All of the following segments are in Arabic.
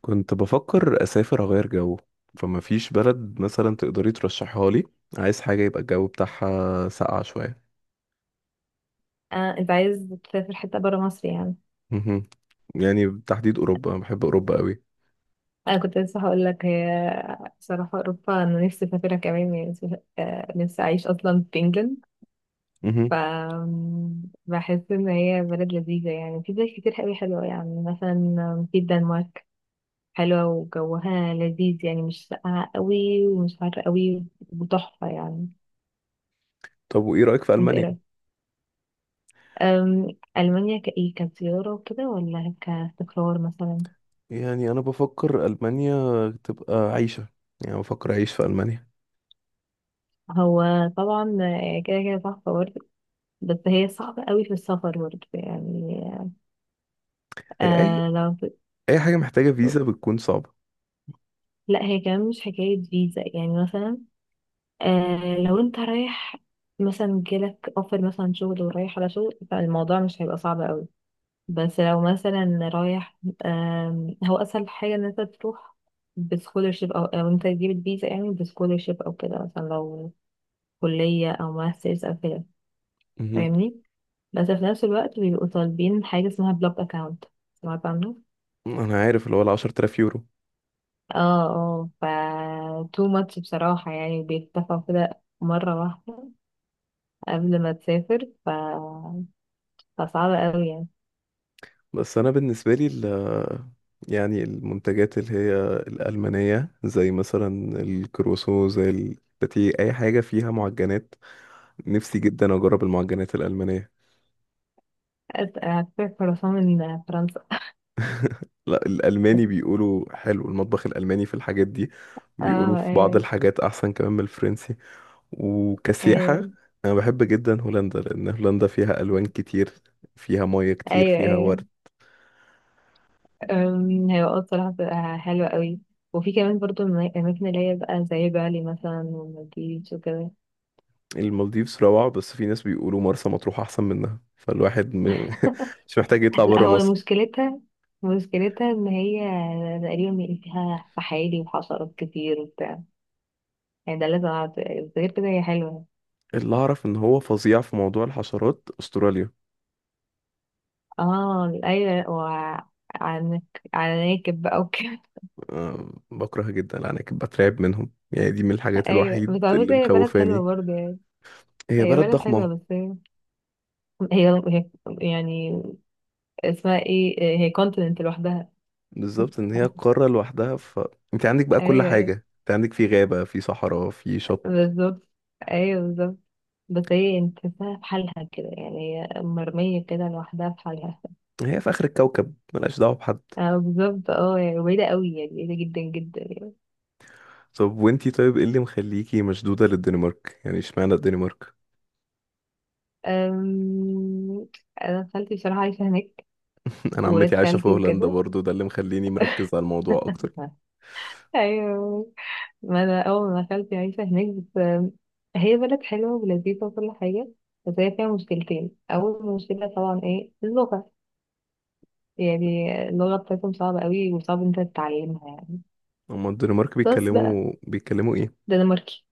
كنت بفكر أسافر أغير جو. فما فيش بلد مثلا تقدري ترشحها لي؟ عايز حاجة يبقى الجو بتاعها ساقعة شوية. آه، انت عايز تسافر حتة برا مصر يعني. مهم. يعني بالتحديد أوروبا، أنا بحب أوروبا قوي. انا كنت لسه هقول لك، هي بصراحة اوروبا انا نفسي اسافرها كمان يعني. نفسي اعيش اصلا في انجلند. ف مهم. بحس ان هي بلد لذيذة يعني. في بلاد كتير قوي حلوة، يعني مثلا في الدنمارك، حلوة وجوها لذيذ يعني، مش ساقعة قوي ومش حر قوي، وتحفة يعني. طب وإيه رأيك في انت ايه ألمانيا؟ رأيك؟ أم، المانيا كايه كزيارة وكده ولا كاستقرار مثلا؟ يعني أنا بفكر ألمانيا تبقى عيشة، يعني بفكر أعيش في ألمانيا. هو طبعا كده كده تحفة برضه، بس هي صعبة قوي في السفر برضه يعني. أي آه لو أي حاجة محتاجة فيزا بتكون صعبة. لا، هي كمان مش حكاية فيزا يعني. مثلا آه لو انت رايح مثلا جالك اوفر مثلا شغل ورايح على شغل، فالموضوع مش هيبقى صعب قوي. بس لو مثلا رايح آم، هو اسهل حاجة ان انت تروح بسكولرشيب، او انت تجيب الفيزا يعني بسكولرشيب او كده، مثلا لو كلية او ماسترز او كده. مهم. فاهمني؟ بس في نفس الوقت بيبقوا طالبين حاجة اسمها بلوك اكاونت. سمعت عنه؟ أنا عارف اللي هو 10,000 يورو. اه، اه. تو ماتش بصراحة يعني، بيتفقوا كده مرة واحدة قبل ما تسافر. فصعب قوي يعني. بس انا بالنسبه لي يعني المنتجات اللي هي الالمانيه زي مثلا الكروسو، زي الباتيه، اي حاجه فيها معجنات. نفسي جدا اجرب المعجنات الالمانيه. هتسافر فرنسا من فرنسا؟ لا، الالماني بيقولوا حلو المطبخ الالماني في الحاجات دي، بيقولوا اه في بعض ايوه. الحاجات احسن كمان من الفرنسي. وكسياحه، ايوه انا بحب جدا هولندا، لان هولندا فيها الوان كتير، فيها ميه كتير، ايوه فيها ايوه ورد. أم، هيبقى آه بصراحة بتبقى حلوة قوي. وفي كمان برضو الأماكن اللي هي بقى زي بالي مثلا والمالديفز وكده. المالديفز روعة، بس في ناس بيقولوا مرسى مطروح أحسن منها، فالواحد مش محتاج يطلع لا، برا هو مصر. مشكلتها ان هي تقريبا فيها فحالي وحشرات كتير وبتاع يعني. ده لازم أعرف. غير كده هي حلوة. اللي أعرف إن هو فظيع في موضوع الحشرات أستراليا. اه ايوه، وعنك، على ناكب بقى وكده. أه بكرهها جدا، أنا كنت بترعب منهم، يعني دي من الحاجات ايوه، الوحيد بس على اللي فكرة هي بلد حلوة مخوفاني. برضه يعني. هي هي بلد بلد حلوة، ضخمة. بس هي هي- يعني اسمها ايه، هي كونتيننت لوحدها. بالظبط إن هي قارة لوحدها. أنت عندك بقى كل ايوه حاجة، أيوة، أنت عندك في غابة، في صحراء، في شط. بالظبط. ايوه بالظبط. بس هي انت تحسها في حالها كده يعني، هي مرمية كده لوحدها في حالها. هي في آخر الكوكب، ملهاش دعوة بحد. اه بالظبط، اه يعني بعيدة قوي يعني، بعيدة جدا جدا يعني. طب وانتي طيب، ايه اللي مخليكي مشدودة للدنمارك؟ يعني اشمعنى الدنمارك؟ أم... انا خالتي بصراحة عايشة هناك، انا وولاد عمتي عايشه في خالتي هولندا وكده. برضو، ده اللي مخليني مركز على الموضوع اكتر. ايوه. ما انا اول ما خالتي عايشه هناك، بس هي بلد حلوه ولذيذه وكل حاجه. بس هي فيها مشكلتين. اول مشكله طبعا ايه؟ اللغه. يعني اللغه بتاعتهم صعبه قوي، وصعب انت تتعلمها يعني. هما الدنمارك بس بقى. بيتكلموا ايه؟ دنماركي.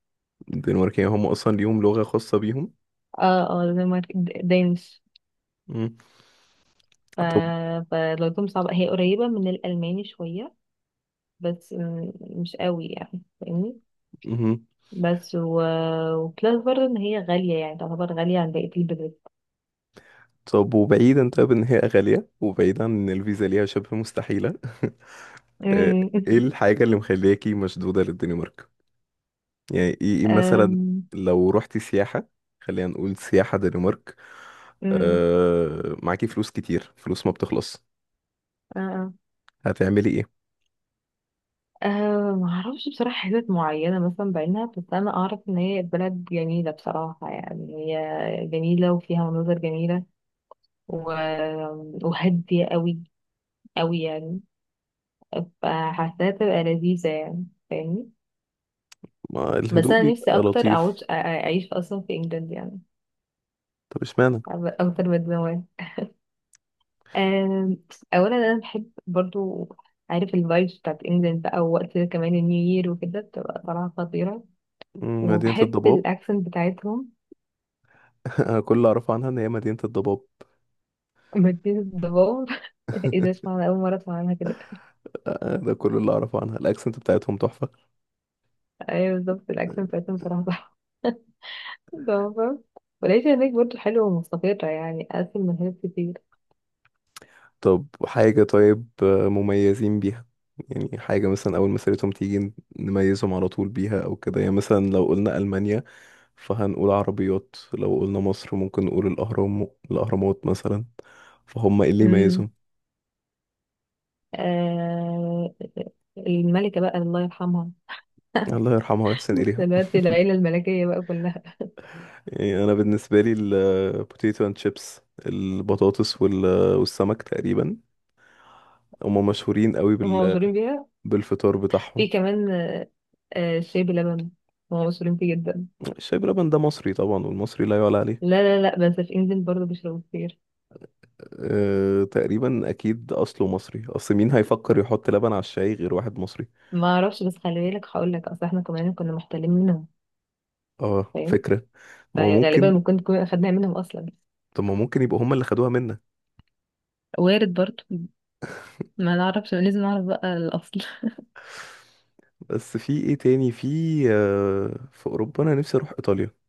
الدنمارك يعني هم اصلا ليهم لغه خاصه بيهم. اه اه، دنماركي، دانش. مم. ف... طب. فلغتهم صعبه، هي قريبه من الالماني شويه، بس مش قوي يعني، فاهمني؟ مهم. بس وبلس برضه ان هي غاليه، يعني تعتبر غاليه عن بقيه البلاد. طب وبعيدا، طب ان هي غاليه وبعيدا ان الفيزا ليها شبه مستحيله. آه، ايه أمم. الحاجه اللي مخلياكي مشدوده للدنمارك؟ يعني ايه إيه مثلا؟ أمم. لو رحتي سياحه، خلينا نقول سياحه دنمارك. أمم. معاكي فلوس كتير، فلوس ما بتخلص، آه، آه. هتعملي ايه؟ أه معرفش بصراحة حتت معينة مثلا بعينها، بس أنا أعرف إن هي بلد جميلة بصراحة يعني. هي جميلة وفيها مناظر جميلة، و... وهادية أوي أوي يعني، فحاساها تبقى لذيذة يعني، فاهمني؟ ما بس الهدوء أنا نفسي بيبقى أكتر لطيف. أعيش أصلا في إنجلند يعني، طب اشمعنى؟ أكتر من زمان. أم، أولا أنا بحب برضو، عارف، الفايبس بتاعت إنجلند بقى، ووقت كمان النيو يير وكده بتبقى طالعة خطيرة. مدينة وبحب الضباب. الأكسنت بتاعتهم. أنا كل اللي أعرفه عنها إن هي مدينة الضباب. مدينة الدبور. ايه ده؟ اسمع، انا اول مرة اسمع عنها كده. ده كل اللي أعرفه عنها، الأكسنت بتاعتهم تحفة. ايوه بالظبط، الاكسنت بتاعتهم بصراحة صح. تمام. والعيشة هناك برضه حلوة ومستقرة يعني، أقل من هناك كتير. طب حاجة طيب، مميزين بيها؟ يعني حاجة مثلا أول ما سيرتهم تيجي نميزهم على طول بيها، أو كده. يعني مثلا لو قلنا ألمانيا فهنقول عربيات، لو قلنا مصر ممكن نقول الأهرام، الأهرامات مثلا. فهم إيه اللي امم يميزهم؟ آه الملكة بقى، الله يرحمها. الله يرحمها ويحسن إليها. دلوقتي العيلة الملكية بقى كلها. يعني أنا بالنسبة لي البوتيتو أند شيبس، البطاطس والسمك تقريبا، هم مشهورين قوي هم مشهورين بيها. بالفطار بتاعهم. في كمان الشاي بلبن، هم مشهورين فيه جدا. الشاي بلبن ده مصري طبعا، والمصري لا يعلى عليه. لا لا لا، بس في انجلند برضه بيشربوا كتير. تقريبا اكيد اصله مصري، اصل مين هيفكر يحط لبن على الشاي غير واحد مصري؟ ما اعرفش، بس خلي بالك هقول لك، اصل احنا كمان كنا محتلين منهم، اه فاهم؟ فكرة، ما هو فغالبا ممكن. ممكن تكون أخدناها منهم أصلا. طب ما ممكن يبقوا هم اللي خدوها منا. وارد برضو. ما نعرفش، لازم نعرف بقى الأصل. بس في ايه تاني؟ في في اوروبا انا نفسي اروح ايطاليا.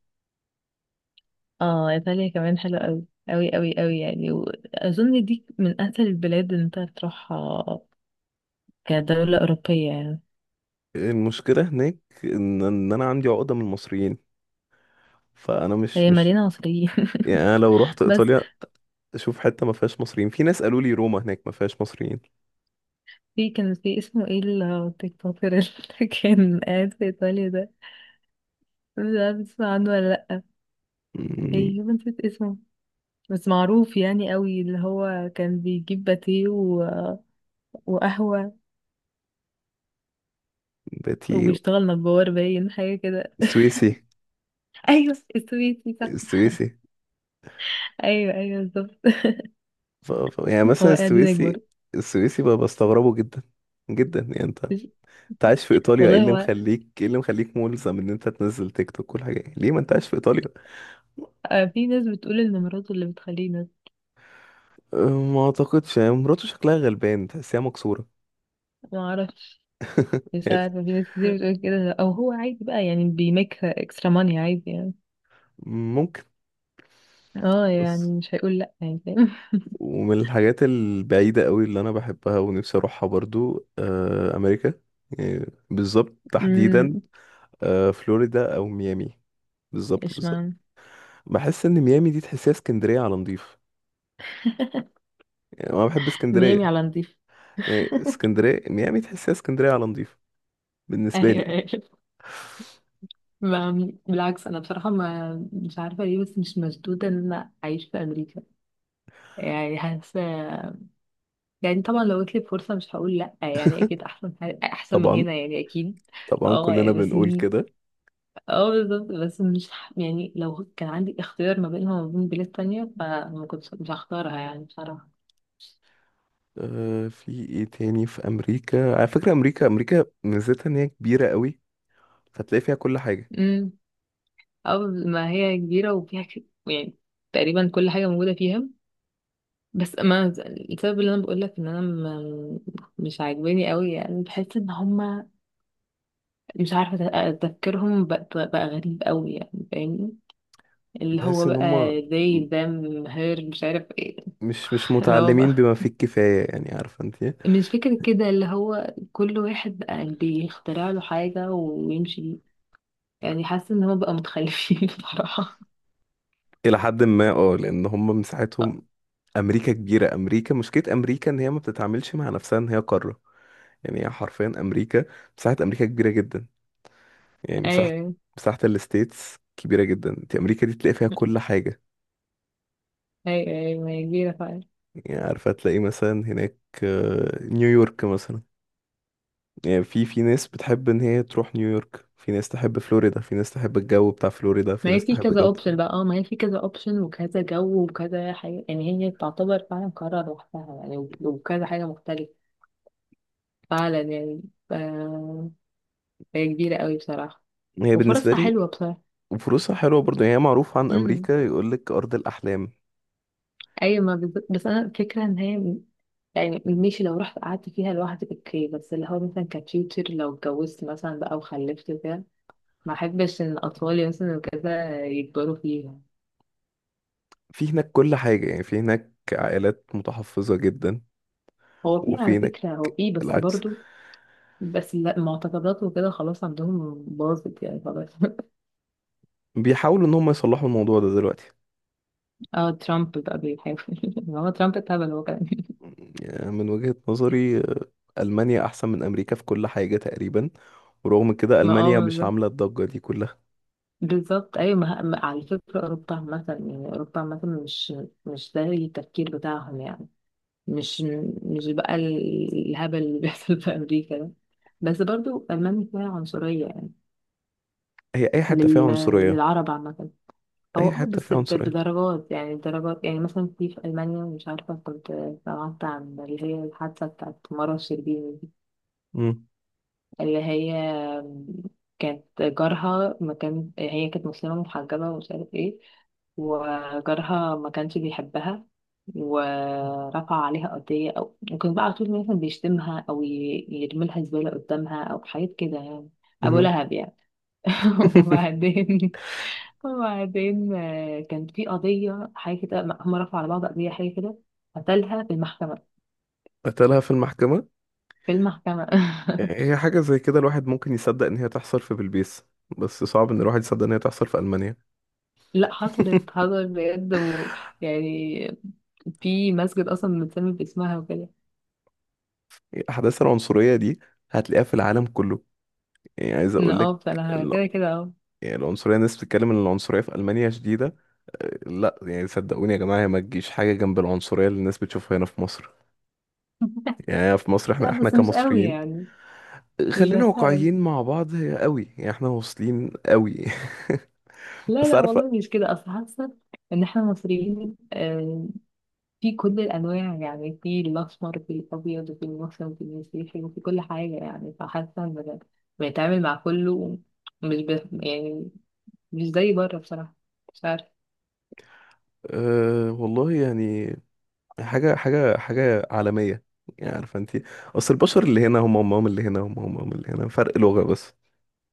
اه إيطاليا كمان حلوة أوي أوي أوي أوي يعني، وأظن دي من أسهل البلاد إن أنت تروحها كدولة أوروبية يعني. المشكله هناك، ان انا عندي عقده من المصريين، فانا مش هي مش مليانة مصريين. يعني انا لو رحت بس ايطاليا اشوف حته ما فيهاش مصريين. في ناس قالوا لي روما هناك ما فيهاش مصريين. كان في اسمه ايه، التيك توكر اللي كان قاعد في ايطاليا ده. مش عارفة تسمع عنه ولا لأ. مم. ايه ما نسيت اسمه، بس معروف يعني قوي، اللي هو كان بيجيب باتيه وقهوة، باتيو. وبيشتغل نجار، باين حاجة كده. السويسي أيوة السويسي صح. السويسي. أيوه أيوه بالظبط. يعني هو مثلا قاعد يكبر. السويسي، السويسي بقى بستغربه جدا جدا، يعني انت عايش في ايطاليا، ايه والله اللي هو، مخليك ايه اللي مخليك ملزم ان انت تنزل تيك توك كل حاجه؟ ليه ما انت عايش في ايطاليا؟ في ناس بتقول إن مراته اللي بتخليه ناس. أه، ما اعتقدش، يعني مراته شكلها غلبان، تحسيها مكسوره. ما أعرفش. مش يعني عارفة، في ناس كتير بتقول كده، أو هو عادي بقى يعني، بيميك اكسترا ماني عادي يعني. ممكن. اه بس يعني مش هيقول لأ يعني، فاهم. ومن الحاجات البعيدة قوي اللي أنا بحبها ونفسي أروحها برضو أمريكا. يعني بالظبط أمم. تحديدا فلوريدا او ميامي. بالظبط إيش بالظبط. معنى؟ بحس ان ميامي دي تحسها اسكندريه على نضيف، يعني انا بحب ميامي اسكندريه، على نضيف. يعني اسكندريه ميامي تحسها اسكندريه على نضيف، بالنسبه ايوه لي. ايوه. بالعكس انا بصراحه ما مش عارفه ليه، بس مش مشدوده ان انا اعيش في امريكا. يعني حاسه. يعني طبعا لو جاتلي فرصة مش هقول لأ يعني، أكيد أحسن حاجة أحسن من طبعا، هنا يعني أكيد. طبعا اه كلنا يعني بس بنقول كده. اه بالظبط، بس مش ح- يعني لو كان عندي اختيار ما بينها وما بين بلاد تانية، فما كنتش مش هختارها يعني بصراحة. في ايه تاني في امريكا؟ على فكره، امريكا ميزتها ان هي كبيره قوي، فتلاقي فيها كل حاجه. امم اه ما هي كبيرة، وفيها يعني تقريبا كل حاجة موجودة فيها. بس ما السبب اللي انا بقول لك ان انا مش عاجباني قوي يعني، بحس ان هما، مش عارفه تفكيرهم بقى غريب قوي يعني، فاهمني؟ اللي هو تحس ان بقى هم they them her مش عارف ايه. مش اللي هو متعلمين بقى بما فيه الكفايه، يعني عارفه انت. مش فكرة كده، اللي هو كل واحد بقى بيخترع له حاجة ويمشي. يعني حاسة ان هو بقى متخلفين بصراحة. الى حد ما اه، لان هم مساحتهم، امريكا كبيره. امريكا، مشكله امريكا ان هي ما بتتعاملش مع نفسها ان هي قاره. يعني هي حرفيا امريكا، مساحه امريكا كبيره جدا، يعني مساحه ايوه مساحه الستيتس كبيره جدا. انت امريكا دي تلاقي فيها كل حاجه. ايوه ايوه، ما هي كبيرة فعلا. يعني عارفه تلاقي مثلا هناك نيويورك مثلا، يعني في ناس بتحب ان هي تروح نيويورك، في ناس تحب فلوريدا، في ناس تحب الجو بتاع فلوريدا، في ما هي ناس في تحب كذا الجو بتاع. اوبشن بقى، اه ما هي في كذا اوبشن وكذا جو وكذا حاجة يعني، هي تعتبر فعلا قرار لوحدها يعني، وكذا حاجة مختلفة فعلا يعني. آه هي كبيرة قوي بصراحة، هي بالنسبه وفرصها لي، حلوة. وفلوسها حلوه برضه، يعني هي معروفه عن بصراحة امريكا، يقول لك ارض الاحلام. ايوه، ما بالظبط، بس انا الفكره ان هي يعني ماشي، لو رحت قعدت فيها لوحدي اوكي، بس اللي هو مثلا كفيوتشر لو اتجوزت مثلا بقى وخلفت كده، ما احبش ان اطفالي مثلا وكذا يكبروا فيها. في هناك كل حاجه، يعني في هناك عائلات متحفظة جدا، هو في على وفينك فكره، هو في، بس العكس. برضو. بس لا، معتقدات وكده خلاص عندهم باظت يعني خلاص. بيحاولوا ان هم يصلحوا الموضوع ده دلوقتي. اه ترامب بقى بيحاول. ما هو ترامب اتهبل هو كمان. يعني من وجهة نظري ألمانيا أحسن من أمريكا في كل حاجة تقريبا، ورغم كده ما اه ألمانيا مش بالظبط. عاملة الضجة دي كلها. بالظبط ايوه، على فكره اوروبا مثلا يعني، اوروبا مثلا مش ده التفكير بتاعهم يعني. مش مش بقى الهبل اللي بيحصل في أمريكا ده. بس برضو ألمانيا فيها عنصرية يعني، هي أي حتة فيها لل... عنصرية. للعرب عامة. هو أي اه، حتة بس فيها عنصرية. بدرجات يعني، درجات يعني، مثلا في ألمانيا، مش عارفة كنت سمعت عن اللي هي الحادثة بتاعت مرة شربيني، مم. اللي هي كانت جارها، ما كان، هي كانت مسلمة محجبة ومش عارف ايه، وجارها ما كانش بيحبها، ورفع عليها قضية. أو ممكن بقى على طول مثلا بيشتمها أو يرميلها زبالة قدامها أو حاجات كده يعني. أبو مهم. لهب يعني. وبعدين وبعدين كان في قضية حاجة كده، هم رفعوا على بعض قضية حاجة كده. قتلها في المحكمة. قتلها في المحكمة. في المحكمة. هي حاجة زي كده الواحد ممكن يصدق إن هي تحصل في بلبيس، بس صعب إن الواحد يصدق إن هي تحصل في ألمانيا. لا، حصلت حصلت بجد يعني في مسجد اصلا متسمي باسمها وكده. أحداث العنصرية دي هتلاقيها في العالم كله. يعني عايز ان أقول لك، اه فانا كده كده يعني العنصرية، الناس بتتكلم ان العنصرية في ألمانيا شديدة. لا يعني صدقوني يا جماعة، هي ما تجيش حاجة جنب العنصرية اللي الناس بتشوفها هنا في مصر. يعني في مصر احنا لا احنا بس مش قوي كمصريين، يعني، خلينا للمسائل. واقعيين مع بعض، هي قوي، يعني احنا واصلين قوي. لا بس لا، عارفة، والله مش كده. اصل حاسه ان احنا مصريين، في كل الانواع يعني، في الاسمر في الابيض، وفي المسلم وفي المسيحي وفي كل حاجه يعني، فحاسه ان بنتعامل مع كله، مش ب... يعني مش زي بره بصراحه، مش عارفه. أه والله يعني، حاجة عالمية. يعني عارفة انتي، اصل البشر اللي هنا هم اللي هنا، هم اللي هنا، فرق لغة بس،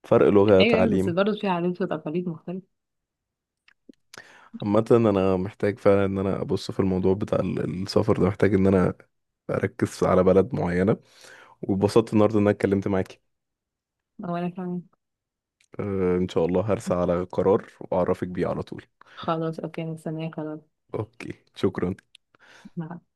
فرق لغة، ايوه ايوه، بس تعليم. برضه في عادات وتقاليد مختلفه. عامة انا محتاج فعلا ان انا ابص في الموضوع بتاع السفر ده، محتاج ان انا اركز على بلد معينة. واتبسطت النهاردة ان انا اتكلمت معاكي. وانا كمان. أه ان شاء الله هرسى على قرار واعرفك بيه على طول. خلاص اوكي، مستنيه خلاص. اوكي شكرا. مع